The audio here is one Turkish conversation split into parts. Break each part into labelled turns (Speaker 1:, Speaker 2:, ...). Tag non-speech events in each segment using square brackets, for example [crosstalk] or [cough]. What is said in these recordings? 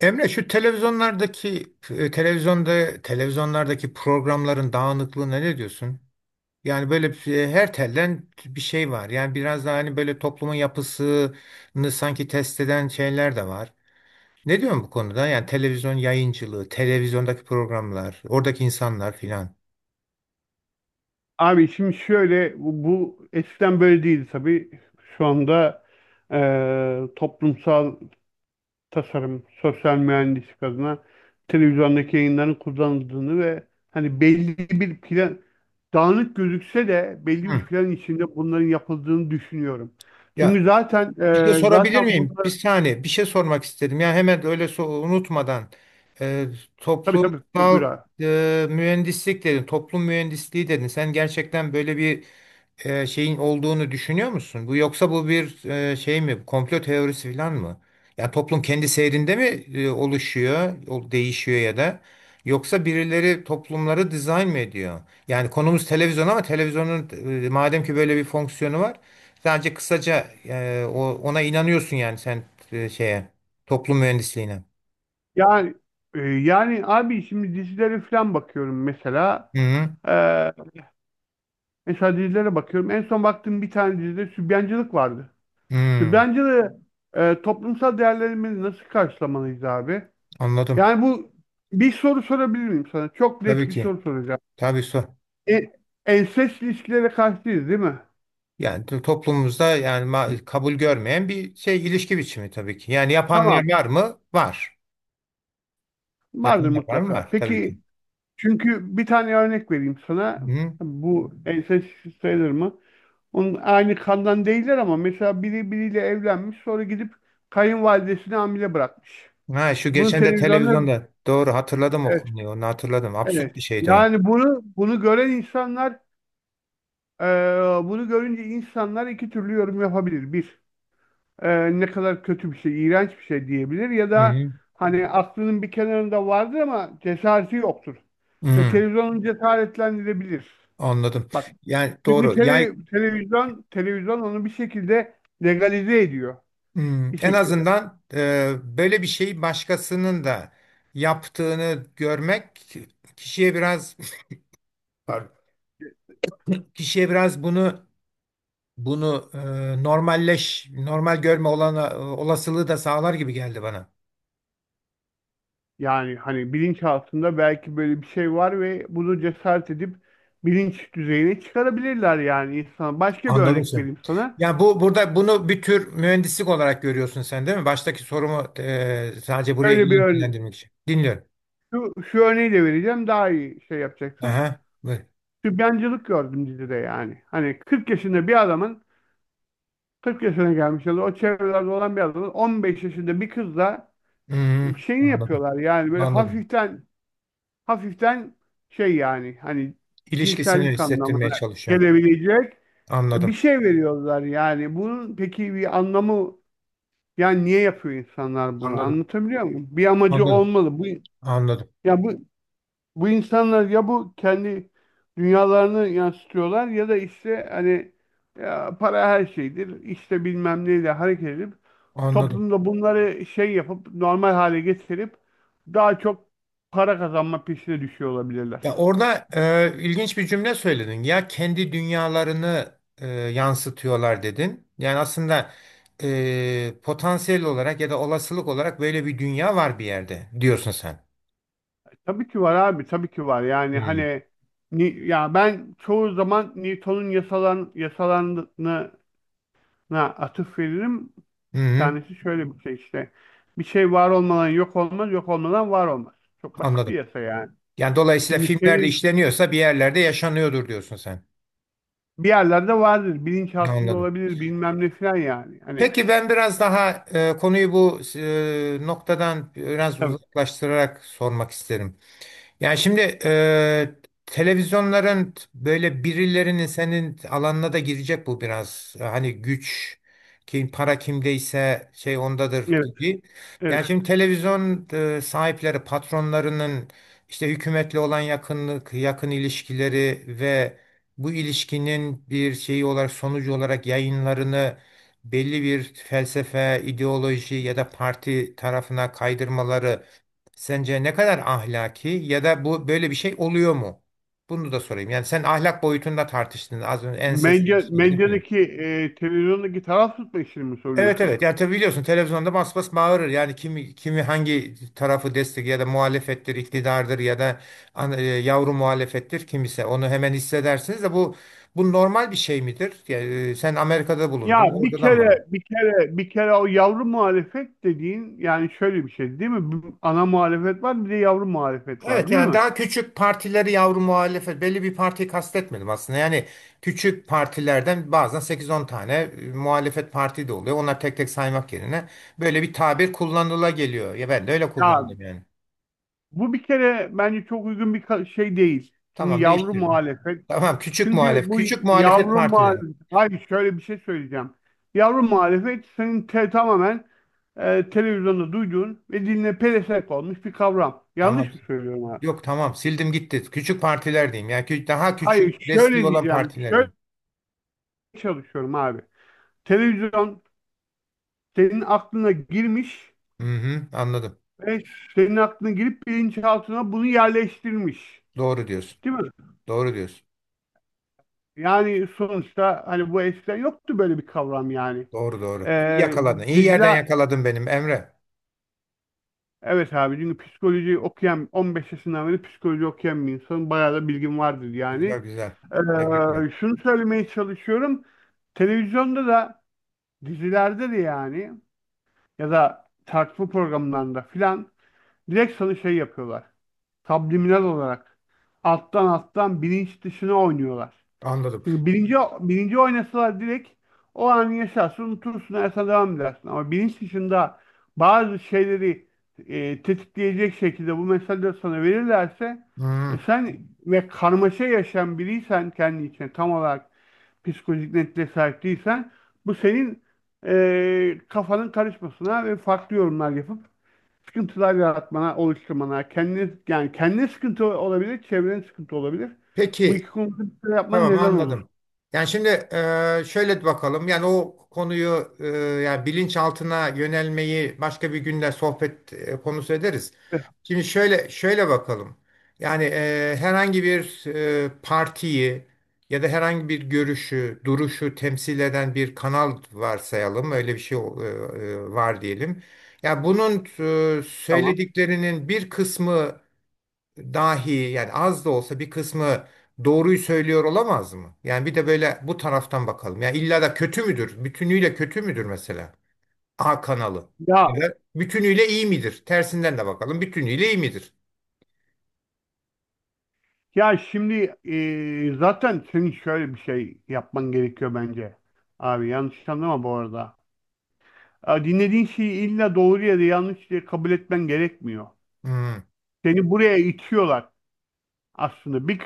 Speaker 1: Emre, şu televizyonlardaki e, televizyonda televizyonlardaki programların dağınıklığına ne diyorsun? Yani böyle her telden bir şey var. Yani biraz daha hani böyle toplumun yapısını sanki test eden şeyler de var. Ne diyorsun bu konuda? Yani televizyon yayıncılığı, televizyondaki programlar, oradaki insanlar filan.
Speaker 2: Abi şimdi şöyle bu eskiden böyle değildi tabii. Şu anda toplumsal tasarım, sosyal mühendislik adına televizyondaki yayınların kullanıldığını ve hani belli bir plan dağınık gözükse de belli bir
Speaker 1: Hı.
Speaker 2: plan içinde bunların yapıldığını düşünüyorum.
Speaker 1: Ya,
Speaker 2: Çünkü zaten
Speaker 1: bir şey
Speaker 2: eee,
Speaker 1: sorabilir
Speaker 2: zaten
Speaker 1: miyim? Bir
Speaker 2: bunlar
Speaker 1: saniye. Bir şey sormak istedim. Ya hemen öyle unutmadan, e,
Speaker 2: tabii tabii buyur
Speaker 1: toplumsal
Speaker 2: abi.
Speaker 1: mühendislik dedin, toplum mühendisliği dedin. Sen gerçekten böyle bir şeyin olduğunu düşünüyor musun? Bu, yoksa bu bir şey mi? Komplo teorisi falan mı? Ya toplum kendi seyrinde mi oluşuyor, değişiyor ya da yoksa birileri toplumları dizayn mı ediyor? Yani konumuz televizyon ama televizyonun, madem ki böyle bir fonksiyonu var, sadece kısaca, ona inanıyorsun yani sen, şeye, toplum mühendisliğine.
Speaker 2: Yani yani abi şimdi dizilere falan bakıyorum mesela.
Speaker 1: Hı hı.
Speaker 2: e, Mesela dizilere bakıyorum. En son baktığım bir tane dizide sübyancılık vardı.
Speaker 1: Hı,
Speaker 2: Sübyancılığı toplumsal değerlerimizi nasıl karşılamalıyız abi?
Speaker 1: anladım.
Speaker 2: Yani bu, bir soru sorabilir miyim sana? Çok
Speaker 1: Tabii
Speaker 2: net bir
Speaker 1: ki.
Speaker 2: soru soracağım.
Speaker 1: Tabii sor.
Speaker 2: E, ensest ilişkilere karşıyız değil mi?
Speaker 1: Yani toplumumuzda yani kabul görmeyen bir şey, ilişki biçimi tabii ki. Yani
Speaker 2: Tamam.
Speaker 1: yapanlar var mı? Var.
Speaker 2: Vardır
Speaker 1: Yapanlar var mı?
Speaker 2: mutlaka.
Speaker 1: Var tabii ki.
Speaker 2: Peki, çünkü bir tane örnek vereyim sana.
Speaker 1: Hı.
Speaker 2: Bu ensest sayılır mı? Onun aynı kandan değiller ama mesela biri biriyle evlenmiş, sonra gidip kayınvalidesini hamile bırakmış.
Speaker 1: Ha, şu
Speaker 2: Bunu
Speaker 1: geçen de
Speaker 2: televizyonda.
Speaker 1: televizyonda, doğru hatırladım o konuyu. Onu hatırladım. Absürt
Speaker 2: Evet.
Speaker 1: bir şeydi o.
Speaker 2: Yani bunu gören insanlar, e, bunu görünce insanlar iki türlü yorum yapabilir. Bir, ne kadar kötü bir şey, iğrenç bir şey diyebilir ya
Speaker 1: Hı
Speaker 2: da
Speaker 1: hı.
Speaker 2: hani aklının bir kenarında vardır ama cesareti yoktur. Ve
Speaker 1: Hı.
Speaker 2: televizyonun cesaretlendirebilir.
Speaker 1: Anladım.
Speaker 2: Bak,
Speaker 1: Yani
Speaker 2: çünkü
Speaker 1: doğru. Yani
Speaker 2: televizyon onu bir şekilde legalize ediyor
Speaker 1: hı,
Speaker 2: bir
Speaker 1: en
Speaker 2: şekilde.
Speaker 1: azından böyle bir şeyi başkasının da yaptığını görmek kişiye biraz, pardon, bunu, normal görme olasılığı da sağlar gibi geldi bana.
Speaker 2: Yani hani bilinçaltında belki böyle bir şey var ve bunu cesaret edip bilinç düzeyine çıkarabilirler yani insan. Başka bir
Speaker 1: Anladım
Speaker 2: örnek
Speaker 1: seni.
Speaker 2: vereyim sana.
Speaker 1: Yani bu, burada bunu bir tür mühendislik olarak görüyorsun sen, değil mi? Baştaki sorumu sadece buraya
Speaker 2: Öyle bir
Speaker 1: iyi
Speaker 2: örnek.
Speaker 1: ilgilendirmek için. Dinliyorum.
Speaker 2: Şu örneği de vereceğim, daha iyi şey yapacaksın.
Speaker 1: Aha, buyur.
Speaker 2: Sübyancılık gördüm dizide yani. Hani 40 yaşında bir adamın, 40 yaşına gelmiş ya da o çevrelerde olan bir adamın, 15 yaşında bir kızla
Speaker 1: Hmm,
Speaker 2: şeyini
Speaker 1: anladım.
Speaker 2: yapıyorlar yani, böyle
Speaker 1: Anladım.
Speaker 2: hafiften hafiften şey yani hani
Speaker 1: İlişkisini
Speaker 2: cinsellik
Speaker 1: hissettirmeye
Speaker 2: anlamına
Speaker 1: çalışıyor.
Speaker 2: gelebilecek bir
Speaker 1: Anladım.
Speaker 2: şey veriyorlar yani. Bunun peki bir anlamı, yani niye yapıyor insanlar bunu?
Speaker 1: Anladım.
Speaker 2: Anlatabiliyor muyum? Bir amacı
Speaker 1: Anladım.
Speaker 2: olmalı. Bu
Speaker 1: Anladım.
Speaker 2: ya bu bu insanlar ya bu kendi dünyalarını yansıtıyorlar ya da işte hani, ya para her şeydir, İşte bilmem neyle hareket edip
Speaker 1: Anladım.
Speaker 2: toplumda bunları şey yapıp normal hale getirip daha çok para kazanma peşine düşüyor olabilirler.
Speaker 1: Ya, orada ilginç bir cümle söyledin. Ya, kendi dünyalarını yansıtıyorlar dedin. Yani aslında potansiyel olarak ya da olasılık olarak böyle bir dünya var bir yerde, diyorsun sen.
Speaker 2: Tabii ki var abi, tabii ki var. Yani
Speaker 1: Hmm.
Speaker 2: hani ya, ben çoğu zaman Newton'un yasalarına atıf veririm.
Speaker 1: Hı
Speaker 2: Bir
Speaker 1: hı,
Speaker 2: tanesi şöyle bir şey işte. Bir şey var olmadan yok olmaz, yok olmadan var olmaz. Çok basit bir
Speaker 1: anladım.
Speaker 2: yasa yani.
Speaker 1: Yani dolayısıyla
Speaker 2: Çünkü
Speaker 1: filmlerde
Speaker 2: senin
Speaker 1: işleniyorsa bir yerlerde yaşanıyordur, diyorsun sen.
Speaker 2: bir yerlerde vardır, bilinç altında
Speaker 1: Anladım.
Speaker 2: olabilir, bilmem ne falan yani. Hani
Speaker 1: Peki, ben biraz daha konuyu bu noktadan biraz
Speaker 2: tabii.
Speaker 1: uzaklaştırarak sormak isterim. Yani şimdi, televizyonların böyle birilerinin, senin alanına da girecek bu biraz. Hani güç, kim, para kimdeyse şey ondadır
Speaker 2: Evet,
Speaker 1: gibi.
Speaker 2: evet.
Speaker 1: Yani şimdi televizyon sahipleri, patronlarının işte hükümetle olan yakınlık, yakın ilişkileri ve bu ilişkinin bir şeyi olarak, sonucu olarak yayınlarını belli bir felsefe, ideoloji ya da parti tarafına kaydırmaları sence ne kadar ahlaki ya da bu, böyle bir şey oluyor mu? Bunu da sorayım. Yani sen ahlak boyutunda tartıştın az önce ensest
Speaker 2: Medya,
Speaker 1: ilişkileri, değil mi?
Speaker 2: medyadaki televizyondaki taraf tutma işini mi
Speaker 1: Evet,
Speaker 2: soruyorsun?
Speaker 1: evet. Yani tabii biliyorsun televizyonda bas bas bağırır. Yani kimi hangi tarafı destek ya da muhalefettir, iktidardır ya da yavru muhalefettir kimse. Onu hemen hissedersiniz de, bu normal bir şey midir? Yani, sen Amerika'da
Speaker 2: Ya
Speaker 1: bulundun.
Speaker 2: bir
Speaker 1: Orada da mı var?
Speaker 2: kere bir kere bir kere o yavru muhalefet dediğin, yani şöyle bir şey değil mi? Bir ana muhalefet var, bir de yavru muhalefet var
Speaker 1: Evet,
Speaker 2: değil
Speaker 1: yani
Speaker 2: mi?
Speaker 1: daha küçük partileri yavru muhalefet, belli bir partiyi kastetmedim aslında. Yani küçük partilerden bazen sekiz on tane muhalefet parti de oluyor. Onlar tek tek saymak yerine böyle bir tabir kullanıla geliyor. Ya, ben de öyle
Speaker 2: Ya
Speaker 1: kullandım yani.
Speaker 2: bu bir kere bence çok uygun bir şey değil. Şimdi
Speaker 1: Tamam,
Speaker 2: yavru
Speaker 1: değiştirdim.
Speaker 2: muhalefet.
Speaker 1: Tamam, küçük
Speaker 2: Çünkü bu
Speaker 1: küçük muhalefet
Speaker 2: yavru
Speaker 1: partileri.
Speaker 2: muhalefet, hayır şöyle bir şey söyleyeceğim. Yavru muhalefet senin tamamen televizyonda duyduğun ve diline pelesenk olmuş bir kavram.
Speaker 1: Tamam.
Speaker 2: Yanlış mı söylüyorum abi?
Speaker 1: Yok, tamam, sildim gitti. Küçük partiler diyeyim. Yani daha
Speaker 2: Hayır
Speaker 1: küçük desteği
Speaker 2: şöyle
Speaker 1: olan
Speaker 2: diyeceğim.
Speaker 1: partiler
Speaker 2: Şöyle
Speaker 1: diyeyim.
Speaker 2: çalışıyorum abi. Televizyon senin aklına girmiş
Speaker 1: Hı hı, anladım.
Speaker 2: ve senin aklına girip bilinçaltına bunu yerleştirmiş.
Speaker 1: Doğru diyorsun.
Speaker 2: Değil mi?
Speaker 1: Doğru diyorsun.
Speaker 2: Yani sonuçta hani bu eskiden yoktu böyle bir kavram yani.
Speaker 1: Doğru doğru. İyi
Speaker 2: Ee,
Speaker 1: yakaladın. İyi yerden
Speaker 2: Dicle,
Speaker 1: yakaladın benim Emre.
Speaker 2: evet abi, çünkü psikoloji okuyan, 15 yaşından beri psikoloji okuyan bir insanın bayağı da bilgim vardır yani.
Speaker 1: Güzel güzel. Tebrikler.
Speaker 2: Şunu söylemeye çalışıyorum. Televizyonda da dizilerde de, yani ya da tartışma programlarında filan, direkt sana şey yapıyorlar. Subliminal olarak. Alttan alttan bilinç dışına oynuyorlar.
Speaker 1: Anladım.
Speaker 2: Çünkü bilinci oynasalar direkt o an yaşarsın, unutursun, hayata devam edersin. Ama bilinç dışında bazı şeyleri tetikleyecek şekilde bu mesajları sana verirlerse,
Speaker 1: Hmm.
Speaker 2: sen ve karmaşa yaşayan biriysen, kendi içine tam olarak psikolojik netliğe sahip değilsen, bu senin kafanın karışmasına ve farklı yorumlar yapıp sıkıntılar yaratmana, oluşturmana, kendine, yani kendine sıkıntı olabilir, çevrene sıkıntı olabilir. Bu
Speaker 1: Peki,
Speaker 2: iki konuda bir şeyler yapman
Speaker 1: tamam,
Speaker 2: neden olur?
Speaker 1: anladım. Yani şimdi, şöyle bakalım. Yani o konuyu, yani bilinçaltına yönelmeyi başka bir günde sohbet konusu ederiz.
Speaker 2: Eh,
Speaker 1: Şimdi şöyle bakalım. Yani herhangi bir partiyi ya da herhangi bir görüşü, duruşu temsil eden bir kanal varsayalım. Öyle bir şey var diyelim. Ya bunun
Speaker 2: Tamam.
Speaker 1: söylediklerinin bir kısmı dahi, yani az da olsa bir kısmı, doğruyu söylüyor olamaz mı? Yani bir de böyle bu taraftan bakalım. Yani illa da kötü müdür? Bütünüyle kötü müdür mesela? A kanalı. Ya
Speaker 2: Ya
Speaker 1: da bütünüyle iyi midir? Tersinden de bakalım. Bütünüyle iyi midir?
Speaker 2: ya şimdi zaten senin şöyle bir şey yapman gerekiyor bence. Abi, yanlış anlama bu arada. Ya dinlediğin şeyi illa doğru ya da yanlış diye kabul etmen gerekmiyor.
Speaker 1: Hı
Speaker 2: Seni buraya itiyorlar aslında. Bir,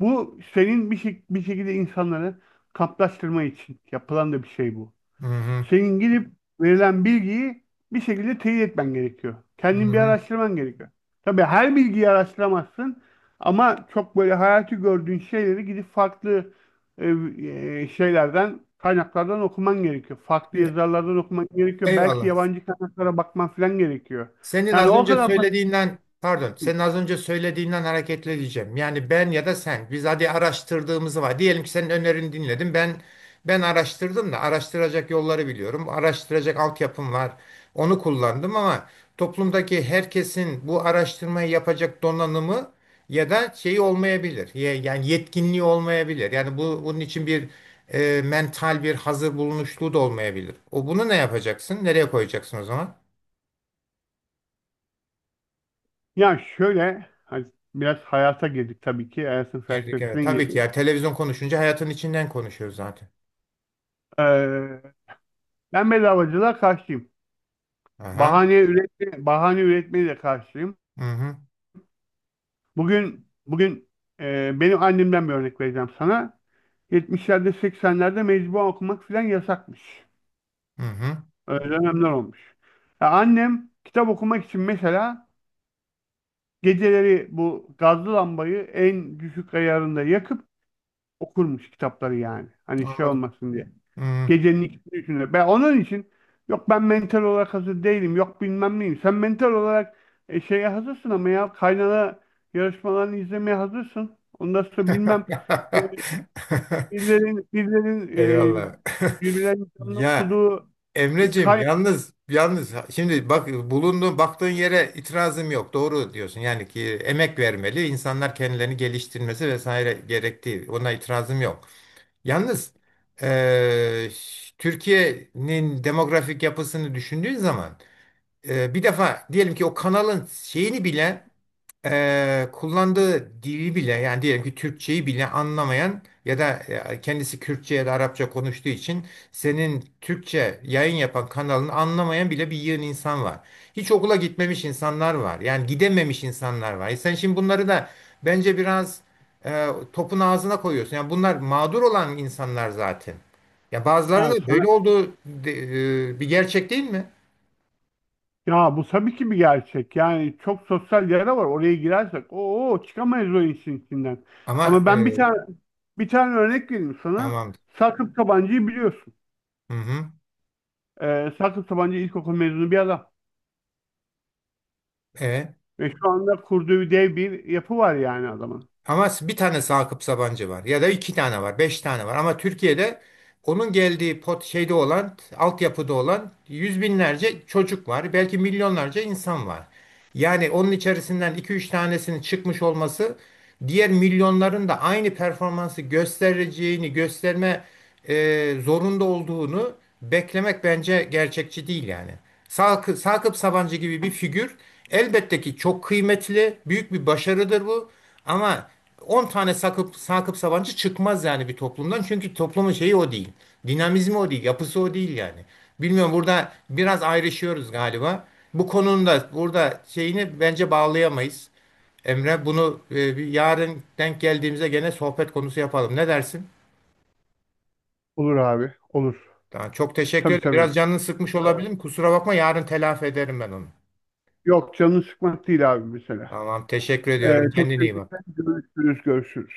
Speaker 2: bu senin bir şekilde insanları kamplaştırma için yapılan da bir şey bu.
Speaker 1: hı hı.
Speaker 2: Senin gidip verilen bilgiyi bir şekilde teyit etmen gerekiyor. Kendin bir
Speaker 1: Hı.
Speaker 2: araştırman gerekiyor. Tabii her bilgiyi araştıramazsın ama çok böyle hayatı gördüğün şeyleri gidip farklı şeylerden, kaynaklardan okuman gerekiyor. Farklı
Speaker 1: Şimdi,
Speaker 2: yazarlardan okuman gerekiyor. Belki
Speaker 1: eyvallah.
Speaker 2: yabancı kaynaklara bakman falan gerekiyor. Yani o kadar basit değil.
Speaker 1: Senin az önce söylediğinden hareketle diyeceğim. Yani ben ya da sen, biz hadi araştırdığımızı var. Diyelim ki senin önerini dinledim. Ben araştırdım da araştıracak yolları biliyorum. Araştıracak altyapım var. Onu kullandım ama toplumdaki herkesin bu araştırmayı yapacak donanımı ya da şeyi olmayabilir. Yani yetkinliği olmayabilir. Yani bu, bunun için bir mental bir hazır bulunuşluğu da olmayabilir. O bunu ne yapacaksın? Nereye koyacaksın o zaman?
Speaker 2: Ya şöyle, hani biraz hayata girdik tabii ki. Hayatın
Speaker 1: Girdik, evet.
Speaker 2: felsefesine
Speaker 1: Tabii ki
Speaker 2: girdik.
Speaker 1: ya, televizyon konuşunca hayatın içinden konuşuyoruz zaten.
Speaker 2: Ee, ben bedavacılığa karşıyım.
Speaker 1: Aha.
Speaker 2: Bahane üretme, bahane üretmeye de karşıyım.
Speaker 1: Hı hı.
Speaker 2: Bugün bugün benim annemden bir örnek vereceğim sana. 70'lerde 80'lerde mecbur okumak filan yasakmış.
Speaker 1: Hı hı.
Speaker 2: Öyle dönemler olmuş. Ya annem kitap okumak için mesela geceleri bu gazlı lambayı en düşük ayarında yakıp okurmuş kitapları yani. Hani şey
Speaker 1: Anladım.
Speaker 2: olmasın diye.
Speaker 1: Hı.
Speaker 2: Gecenin ikisini üçünde. Ben onun için, yok ben mental olarak hazır değilim, yok bilmem neyim. Sen mental olarak şeye hazırsın ama ya kaynana yarışmalarını izlemeye hazırsın. Ondan sonra bilmem e,
Speaker 1: [laughs]
Speaker 2: birilerin,
Speaker 1: Eyvallah.
Speaker 2: birilerin
Speaker 1: [laughs]
Speaker 2: birbirlerinin canını
Speaker 1: Ya
Speaker 2: okuduğu bir
Speaker 1: Emreciğim,
Speaker 2: kay
Speaker 1: yalnız şimdi bak, bulunduğun, baktığın yere itirazım yok. Doğru diyorsun. Yani ki emek vermeli, insanlar kendilerini geliştirmesi vesaire gerektiği. Ona itirazım yok. Yalnız, eee, Türkiye'nin demografik yapısını düşündüğün zaman, bir defa diyelim ki o kanalın şeyini bile, kullandığı dili bile, yani diyelim ki Türkçeyi bile anlamayan ya da kendisi Kürtçe ya da Arapça konuştuğu için senin Türkçe yayın yapan kanalını anlamayan bile bir yığın insan var. Hiç okula gitmemiş insanlar var. Yani gidememiş insanlar var. E sen şimdi bunları da bence biraz topun ağzına koyuyorsun. Yani bunlar mağdur olan insanlar zaten. Ya bazılarının
Speaker 2: yani
Speaker 1: da
Speaker 2: sana-
Speaker 1: böyle olduğu bir gerçek, değil mi?
Speaker 2: Ya bu tabii ki bir gerçek. Yani çok sosyal yara var. Oraya girersek o çıkamayız o işin içinden.
Speaker 1: Ama...
Speaker 2: Ama ben bir tane bir tane örnek vereyim sana.
Speaker 1: Tamamdır.
Speaker 2: Sakıp Sadık Sabancı'yı biliyorsun.
Speaker 1: Hı hı.
Speaker 2: Sakıp Sabancı İlkokul mezunu bir adam.
Speaker 1: E.
Speaker 2: Ve şu anda kurduğu dev bir yapı var yani adamın.
Speaker 1: Ama bir tane Sakıp Sabancı var, ya da iki tane var, beş tane var. Ama Türkiye'de onun geldiği pot şeyde olan, altyapıda olan yüz binlerce çocuk var. Belki milyonlarca insan var. Yani onun içerisinden iki üç tanesinin çıkmış olması diğer milyonların da aynı performansı göstereceğini, gösterme zorunda olduğunu beklemek bence gerçekçi değil yani. Sakıp Sabancı gibi bir figür elbette ki çok kıymetli, büyük bir başarıdır bu. Ama 10 tane Sakıp Sabancı çıkmaz yani bir toplumdan. Çünkü toplumun şeyi o değil. Dinamizmi o değil. Yapısı o değil yani. Bilmiyorum, burada biraz ayrışıyoruz galiba. Bu konunun da burada şeyini bence bağlayamayız. Emre, bunu bir yarın denk geldiğimizde gene sohbet konusu yapalım. Ne dersin?
Speaker 2: Olur abi, olur.
Speaker 1: Tamam, çok teşekkür
Speaker 2: Tabii
Speaker 1: ederim.
Speaker 2: tabii.
Speaker 1: Biraz canını sıkmış
Speaker 2: Doğru.
Speaker 1: olabilirim. Kusura bakma, yarın telafi ederim ben onu.
Speaker 2: Yok, canını sıkmak değil abi mesela.
Speaker 1: Tamam, teşekkür
Speaker 2: Ee,
Speaker 1: ediyorum.
Speaker 2: çok
Speaker 1: Kendine iyi bak.
Speaker 2: teşekkürler. Görüşürüz, görüşürüz.